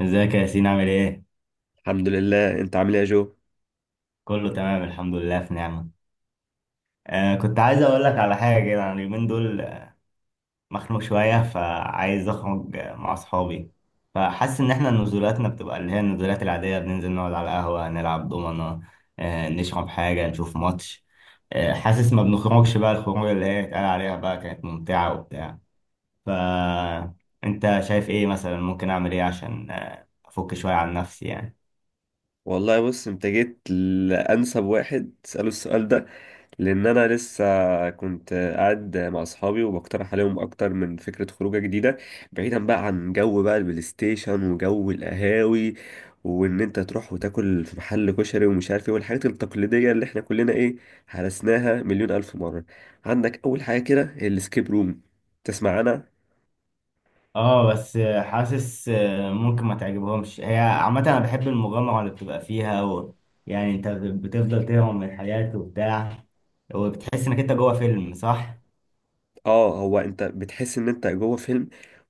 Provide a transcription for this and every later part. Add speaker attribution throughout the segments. Speaker 1: ازيك يا ياسين، عامل ايه؟
Speaker 2: الحمد لله. انت عامل ايه يا جو؟
Speaker 1: كله تمام، الحمد لله، في نعمة. كنت عايز اقول لك على حاجة كده. انا اليومين دول مخنوق شوية، فعايز اخرج مع اصحابي. فحاسس ان احنا نزولاتنا بتبقى اللي هي النزولات العادية، بننزل نقعد على القهوة، نلعب دومنة، نشرب حاجة، نشوف ماتش. حاسس ما بنخرجش بقى، الخروج اللي هي اتقال عليها بقى كانت ممتعة وبتاع. ف انت شايف ايه مثلا؟ ممكن اعمل ايه عشان افك شوية عن نفسي يعني؟
Speaker 2: والله بص، انت جيت لانسب واحد تساله السؤال ده، لان انا لسه كنت قاعد مع اصحابي وبقترح عليهم اكتر من فكره خروجه جديده، بعيدا بقى عن جو بقى البلاي ستيشن وجو القهاوي، وان انت تروح وتاكل في محل كشري ومش عارف ايه، والحاجات التقليديه اللي احنا كلنا ايه، هرسناها مليون الف مره. عندك اول حاجه كده الاسكيب روم، تسمع انا.
Speaker 1: اه، بس حاسس ممكن ما تعجبهمش. هي عامة انا بحب المغامرة اللي بتبقى فيها يعني انت بتفضل تهرب من الحياة وبتاع، وبتحس انك انت جوه فيلم، صح؟
Speaker 2: اه، هو انت بتحس ان انت جوه فيلم،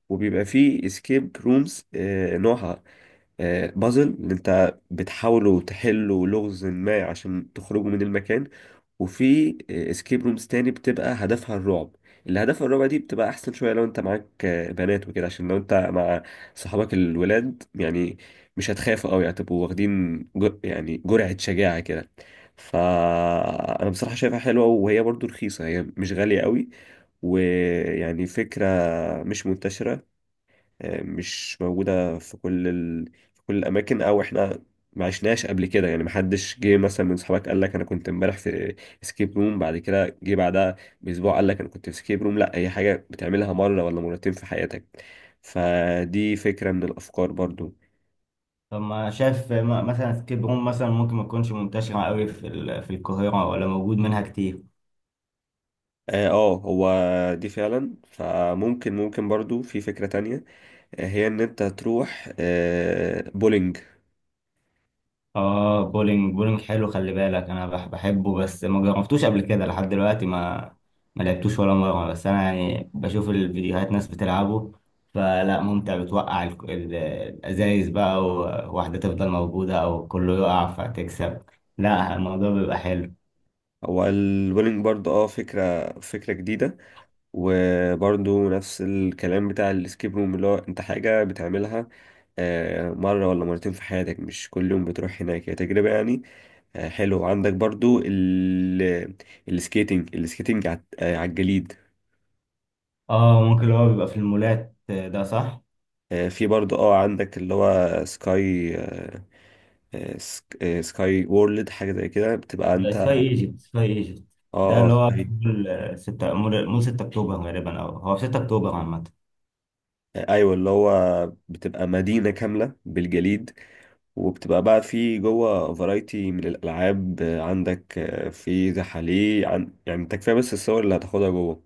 Speaker 2: وبيبقى فيه اسكيب رومز، نوعها بازل اللي انت بتحاولوا تحلوا لغز ما عشان تخرجوا من المكان، وفي اسكيب رومز تاني بتبقى هدفها الرعب. اللي هدفها الرعب دي بتبقى احسن شويه لو انت معاك بنات وكده، عشان لو انت مع صحابك الولاد يعني مش هتخافوا قوي، هتبقوا واخدين يعني جرعه شجاعه كده. فانا بصراحه شايفها حلوه وهي برضو رخيصه، هي مش غاليه قوي، ويعني فكره مش منتشره، مش موجودة في في كل الأماكن، أو إحنا ما عشناش قبل كده يعني. محدش جه مثلا من صحابك قال لك أنا كنت امبارح في اسكيب روم، بعد كده جه بعدها بأسبوع قال لك أنا كنت في اسكيب روم. لا، هي حاجة بتعملها مرة ولا مرتين في حياتك. فدي فكرة من الأفكار برضو.
Speaker 1: طب، ما شايف مثلا سكيب روم، مثلا ممكن ما تكونش منتشرة قوي في في القاهرة، ولا موجود منها كتير؟
Speaker 2: اه، هو دي فعلا. فممكن، ممكن برضو في فكرة تانية، هي ان انت تروح بولينج.
Speaker 1: اه، بولينج. بولينج حلو، خلي بالك. انا بحبه بس ما جربتوش قبل كده. لحد دلوقتي ما لعبتوش ولا مره، بس انا يعني بشوف الفيديوهات ناس بتلعبه، فلا ممتع بتوقع الازايز بقى، وواحده تفضل موجوده او كله يقع فتكسب. لا، الموضوع بيبقى حلو.
Speaker 2: هو البولينج برضو اه، فكرة جديدة، وبرضو نفس الكلام بتاع الاسكيب روم، اللي هو انت حاجة بتعملها مرة ولا مرتين في حياتك، مش كل يوم بتروح هناك، هي تجربة يعني حلوة. عندك برضو ال السكيتنج على على الجليد.
Speaker 1: اه، ممكن اللي هو بيبقى في المولات، ده صح.
Speaker 2: في برضو اه، عندك اللي هو سكاي، سكاي وورلد، حاجة زي كده بتبقى انت.
Speaker 1: سكاي ايجيبت، سكاي ايجيبت،
Speaker 2: اه
Speaker 1: ده
Speaker 2: اه
Speaker 1: اللي هو في
Speaker 2: سكاي.
Speaker 1: مول 6 مول 6 اكتوبر غالبا، او هو في 6 اكتوبر عامه.
Speaker 2: ايوه اللي هو بتبقى مدينة كاملة بالجليد، وبتبقى بقى في جوه فرايتي من الألعاب. عندك في زحاليق يعني انت كفاية بس الصور اللي هتاخدها جوه.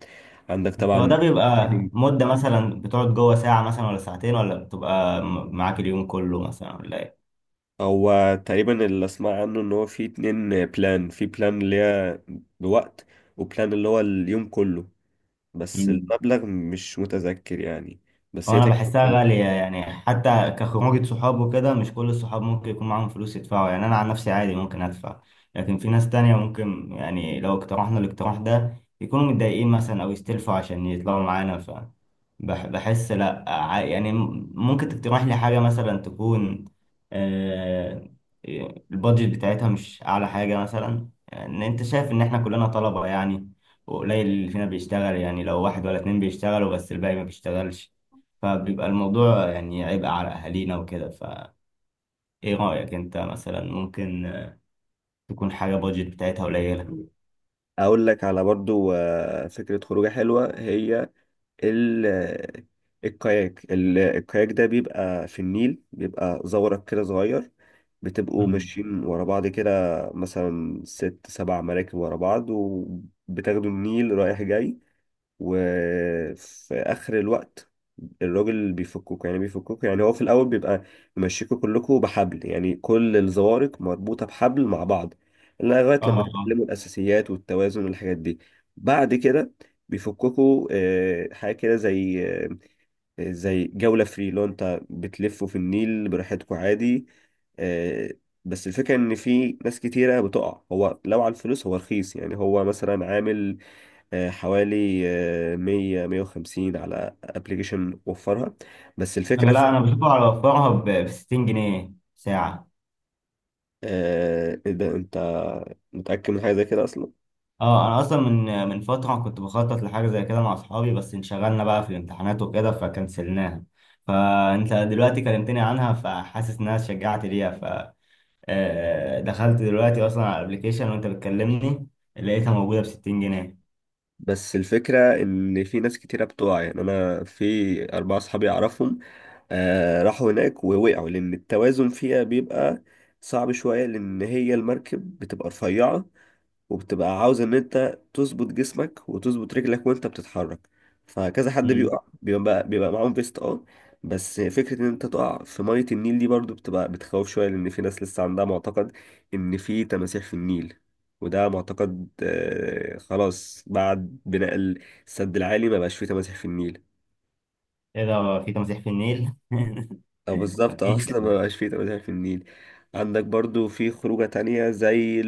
Speaker 2: عندك
Speaker 1: هو ده
Speaker 2: طبعا.
Speaker 1: بيبقى مدة مثلا بتقعد جوه ساعة مثلا، ولا ساعتين، ولا بتبقى معاك اليوم كله مثلا، ولا ايه؟
Speaker 2: هو تقريبا اللي اسمع عنه ان هو في اتنين بلان. في بلان اللي هي بوقت، وبلان اللي هو اليوم كله، بس
Speaker 1: مم.
Speaker 2: المبلغ مش متذكر يعني. بس
Speaker 1: هو
Speaker 2: هي
Speaker 1: انا بحسها
Speaker 2: تكفي.
Speaker 1: غالية يعني، حتى كخروجة صحاب وكده، مش كل الصحاب ممكن يكون معاهم فلوس يدفعوا. يعني انا عن نفسي عادي ممكن ادفع، لكن في ناس تانية ممكن، يعني لو اقترحنا الاقتراح ده، يكونوا متضايقين مثلا او يستلفوا عشان يطلعوا معانا. بحس لا، يعني ممكن تقترح لي حاجة مثلا تكون آه، البادجت بتاعتها مش اعلى حاجة. مثلا يعني انت شايف ان احنا كلنا طلبة يعني، وقليل اللي فينا بيشتغل، يعني لو واحد ولا اتنين بيشتغلوا بس الباقي ما بيشتغلش، فبيبقى الموضوع يعني عبء على أهالينا وكده. فإيه رأيك أنت؟ مثلا ممكن تكون حاجة بادجت بتاعتها قليلة؟
Speaker 2: اقول لك على برضو فكرة خروجة حلوة، هي ال الكاياك. الكاياك ده بيبقى في النيل، بيبقى زورق كده صغير، بتبقوا
Speaker 1: مم.
Speaker 2: ماشيين ورا بعض كده، مثلا ست سبع مراكب ورا بعض، وبتاخدوا النيل رايح جاي، وفي اخر الوقت الراجل بيفككوا، يعني بيفككوا هو في الاول بيبقى ممشيكوا كلكوا بحبل، يعني كل الزوارق مربوطه بحبل مع بعض، لغايه
Speaker 1: اه
Speaker 2: لما
Speaker 1: اه.
Speaker 2: تتعلموا الاساسيات والتوازن والحاجات دي. بعد كده بيفككوا حاجه كده زي جوله فري، لو انت بتلفوا في النيل براحتكوا عادي. آه، بس الفكره ان في ناس كتيره بتقع. هو لو على الفلوس هو رخيص يعني، هو مثلا عامل حوالي 100 150 على ابلكيشن وفرها. بس
Speaker 1: أنا،
Speaker 2: الفكرة في
Speaker 1: لا أنا بشوف على وفرها ب 60 جنيه ساعة.
Speaker 2: إيه ده، انت متأكد من حاجة زي كده اصلا؟
Speaker 1: اه أنا أصلا من فترة كنت بخطط لحاجة زي كده مع أصحابي، بس انشغلنا بقى في الامتحانات وكده فكنسلناها. فأنت دلوقتي كلمتني عنها فحاسس إنها شجعت ليها. دخلت دلوقتي أصلا على الأبليكيشن وأنت بتكلمني، لقيتها موجودة ب 60 جنيه.
Speaker 2: بس الفكرة ان في ناس كتيرة بتقع، يعني انا في اربعة صحابي اعرفهم راحوا هناك ووقعوا، لان التوازن فيها بيبقى صعب شوية، لان هي المركب بتبقى رفيعة، وبتبقى عاوز ان انت تظبط جسمك وتظبط رجلك وانت بتتحرك. فكذا حد بيقع، بيبقى معاهم فيست اه، بس فكرة ان انت تقع في مية النيل دي برضو بتبقى بتخوف شوية، لان في ناس لسه عندها معتقد ان في تماسيح في النيل، وده معتقد آه، خلاص بعد بناء السد العالي ما بقاش فيه تماسيح في النيل.
Speaker 1: ايه ده، في تمسيح في النيل؟
Speaker 2: او بالظبط
Speaker 1: مفيش
Speaker 2: اصلا ما
Speaker 1: يعني.
Speaker 2: بقاش فيه تماسيح في النيل. عندك برضو في خروجة تانية زي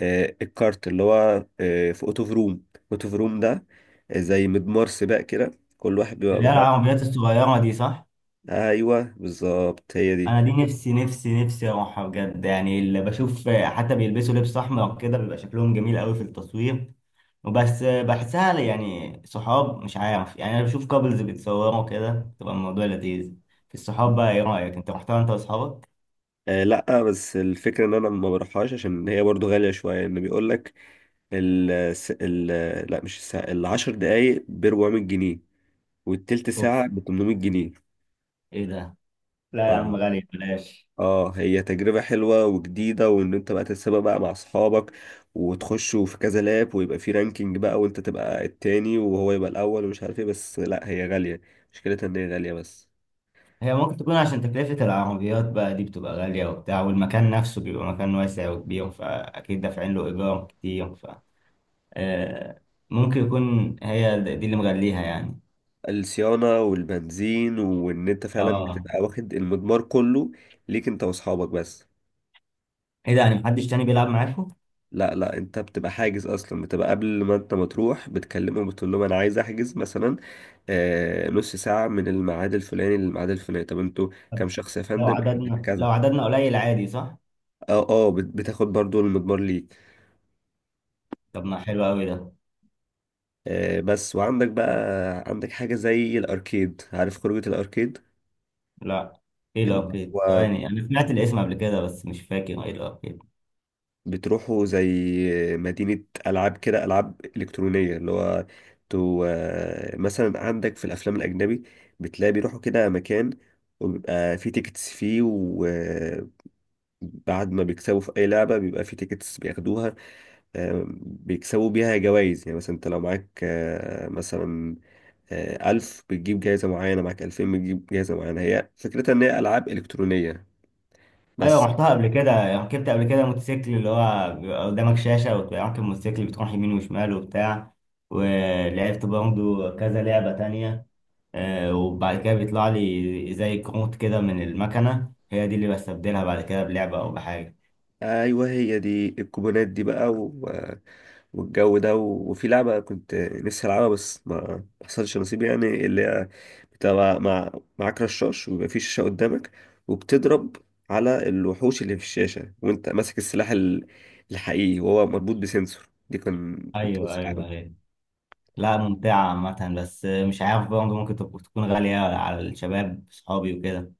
Speaker 2: الكارت، اللي هو في اوتو فروم. اوتو فروم ده زي مضمار سباق كده، كل واحد بيبقى
Speaker 1: اللي هي
Speaker 2: معاه.
Speaker 1: العربيات الصغيرة دي، صح؟
Speaker 2: ايوه بالظبط هي دي.
Speaker 1: أنا دي نفسي نفسي نفسي أروحها بجد. يعني اللي بشوف حتى بيلبسوا لبس أحمر كده بيبقى شكلهم جميل أوي في التصوير. وبس بحسها يعني صحاب، مش عارف، يعني أنا بشوف كابلز بيتصوروا كده، تبقى الموضوع لذيذ في الصحاب بقى. إيه رأيك؟ أنت رحتها أنت وأصحابك؟
Speaker 2: آه لا، بس الفكره ان انا ما بروحهاش عشان هي برضو غاليه شويه. ان بيقول لك ال لا، مش الساعه، العشر دقايق ب 400 جنيه، والتلت ساعه
Speaker 1: أوف!
Speaker 2: ب 800 جنيه.
Speaker 1: إيه ده؟ لا يا عم، غالي، بلاش.
Speaker 2: اه هي تجربة حلوة وجديدة، وان انت بقى تتسابق بقى مع اصحابك، وتخشوا في كذا لاب، ويبقى في رانكينج بقى، وانت تبقى التاني وهو يبقى الاول ومش عارف ايه، بس لا هي غالية، مشكلتها ان هي غالية بس.
Speaker 1: هي ممكن تكون عشان تكلفة العربيات بقى دي بتبقى غالية وبتاع، والمكان نفسه بيبقى مكان واسع وكبير، فأكيد دافعين له إيجار كتير. آه، ممكن يكون هي دي اللي مغليها يعني.
Speaker 2: الصيانة والبنزين، وان انت فعلا
Speaker 1: اه.
Speaker 2: بتبقى واخد المضمار كله ليك انت واصحابك بس.
Speaker 1: ايه ده، يعني محدش تاني بيلعب معاكم؟
Speaker 2: لا لا، انت بتبقى حاجز اصلا، بتبقى قبل ما انت ما تروح بتكلمهم، بتقول لهم انا عايز احجز مثلا آه نص ساعة من الميعاد الفلاني للميعاد الفلاني. طب انتوا
Speaker 1: طب،
Speaker 2: كام شخص يا فندم؟ احنا
Speaker 1: لو
Speaker 2: كذا.
Speaker 1: عددنا قليل، عادي صح؟
Speaker 2: اه اه، بتاخد برضو المضمار ليك.
Speaker 1: طب ما حلو أوي ده.
Speaker 2: بس. وعندك بقى، عندك حاجة زي الأركيد، عارف خروجة الأركيد؟
Speaker 1: لا. ايه
Speaker 2: اللي
Speaker 1: الأركيد؟
Speaker 2: هو
Speaker 1: ثواني، أنا سمعت الاسم قبل كده بس مش فاكر ايه الأركيد.
Speaker 2: بتروحوا زي مدينة ألعاب كده، ألعاب إلكترونية، اللي هو تو، مثلا عندك في الأفلام الأجنبي بتلاقي بيروحوا كده مكان، وبيبقى فيه تيكتس فيه، وبعد ما بيكسبوا في أي لعبة بيبقى فيه تيكتس بياخدوها، بيكسبوا بيها جوائز، يعني مثلا أنت لو معاك آه، مثلا آه، ألف بتجيب جايزة معينة، معاك 2000 بتجيب جايزة معينة. هي فكرتها إن هي ألعاب إلكترونية
Speaker 1: ايوه،
Speaker 2: بس.
Speaker 1: رحتها قبل كده يعني. ركبت قبل كده موتوسيكل اللي هو بيبقى قدامك شاشه وراكب موتوسيكل بتروح يمين وشمال وبتاع. ولعبت برضه كذا لعبه تانية. وبعد كده بيطلع لي زي كروت كده من المكنه، هي دي اللي بستبدلها بعد كده بلعبه او بحاجه.
Speaker 2: أيوه هي دي الكوبونات دي والجو ده وفي لعبة كنت نفسي ألعبها بس ما حصلش نصيب، يعني اللي هي بتبقى معاك رشاش، ويبقى في شاشة قدامك، وبتضرب على الوحوش اللي في الشاشة، وأنت ماسك السلاح الحقيقي، وهو مربوط بسنسور دي. كان كنت
Speaker 1: ايوه
Speaker 2: بس.
Speaker 1: ايوه ايوه. لا، ممتعه عامه، بس مش عارف برضه ممكن تكون غاليه على الشباب صحابي وكده.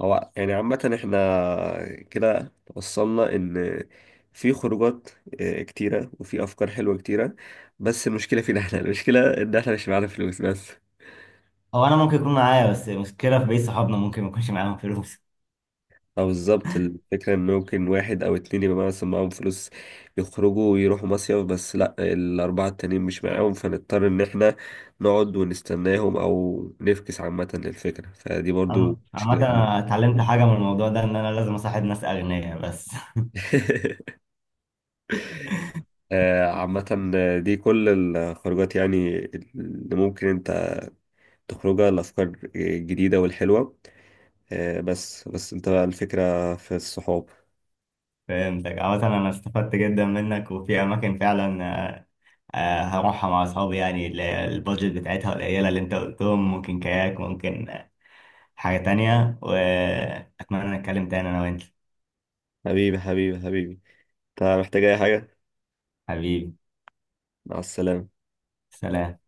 Speaker 2: هو يعني عامة احنا كده وصلنا ان في خروجات كتيرة، وفي افكار حلوة كتيرة، بس المشكلة فينا احنا، المشكلة ان احنا مش معانا فلوس بس.
Speaker 1: او انا ممكن يكون معايا بس مشكله في بقية صحابنا، ممكن ما يكونش معاهم فلوس.
Speaker 2: او بالظبط، الفكرة ان ممكن واحد او اتنين يبقى مثلا معاهم فلوس يخرجوا ويروحوا مصيف، بس لا الاربعة التانيين مش معاهم، فنضطر ان احنا نقعد ونستناهم او نفكس عامة للفكرة، فدي برضو
Speaker 1: عامة
Speaker 2: مشكلة
Speaker 1: أنا
Speaker 2: كبيرة.
Speaker 1: اتعلمت حاجة من الموضوع ده، إن أنا لازم أصاحب ناس أغنياء بس.
Speaker 2: عامة دي كل الخروجات يعني اللي ممكن انت تخرجها، الأفكار الجديدة والحلوة. بس انت بقى الفكرة في الصحاب.
Speaker 1: فهمتك. عامة أنا استفدت جدا منك، وفي أماكن فعلا هروحها مع أصحابي، يعني اللي هي البادجت بتاعتها قليلة اللي أنت قلتهم. ممكن كاياك، ممكن حاجة تانية. وأتمنى نتكلم تاني أنا وأنت.
Speaker 2: حبيبي حبيبي حبيبي، انت محتاج أي حاجة؟
Speaker 1: حبيبي.
Speaker 2: مع السلامة.
Speaker 1: سلام.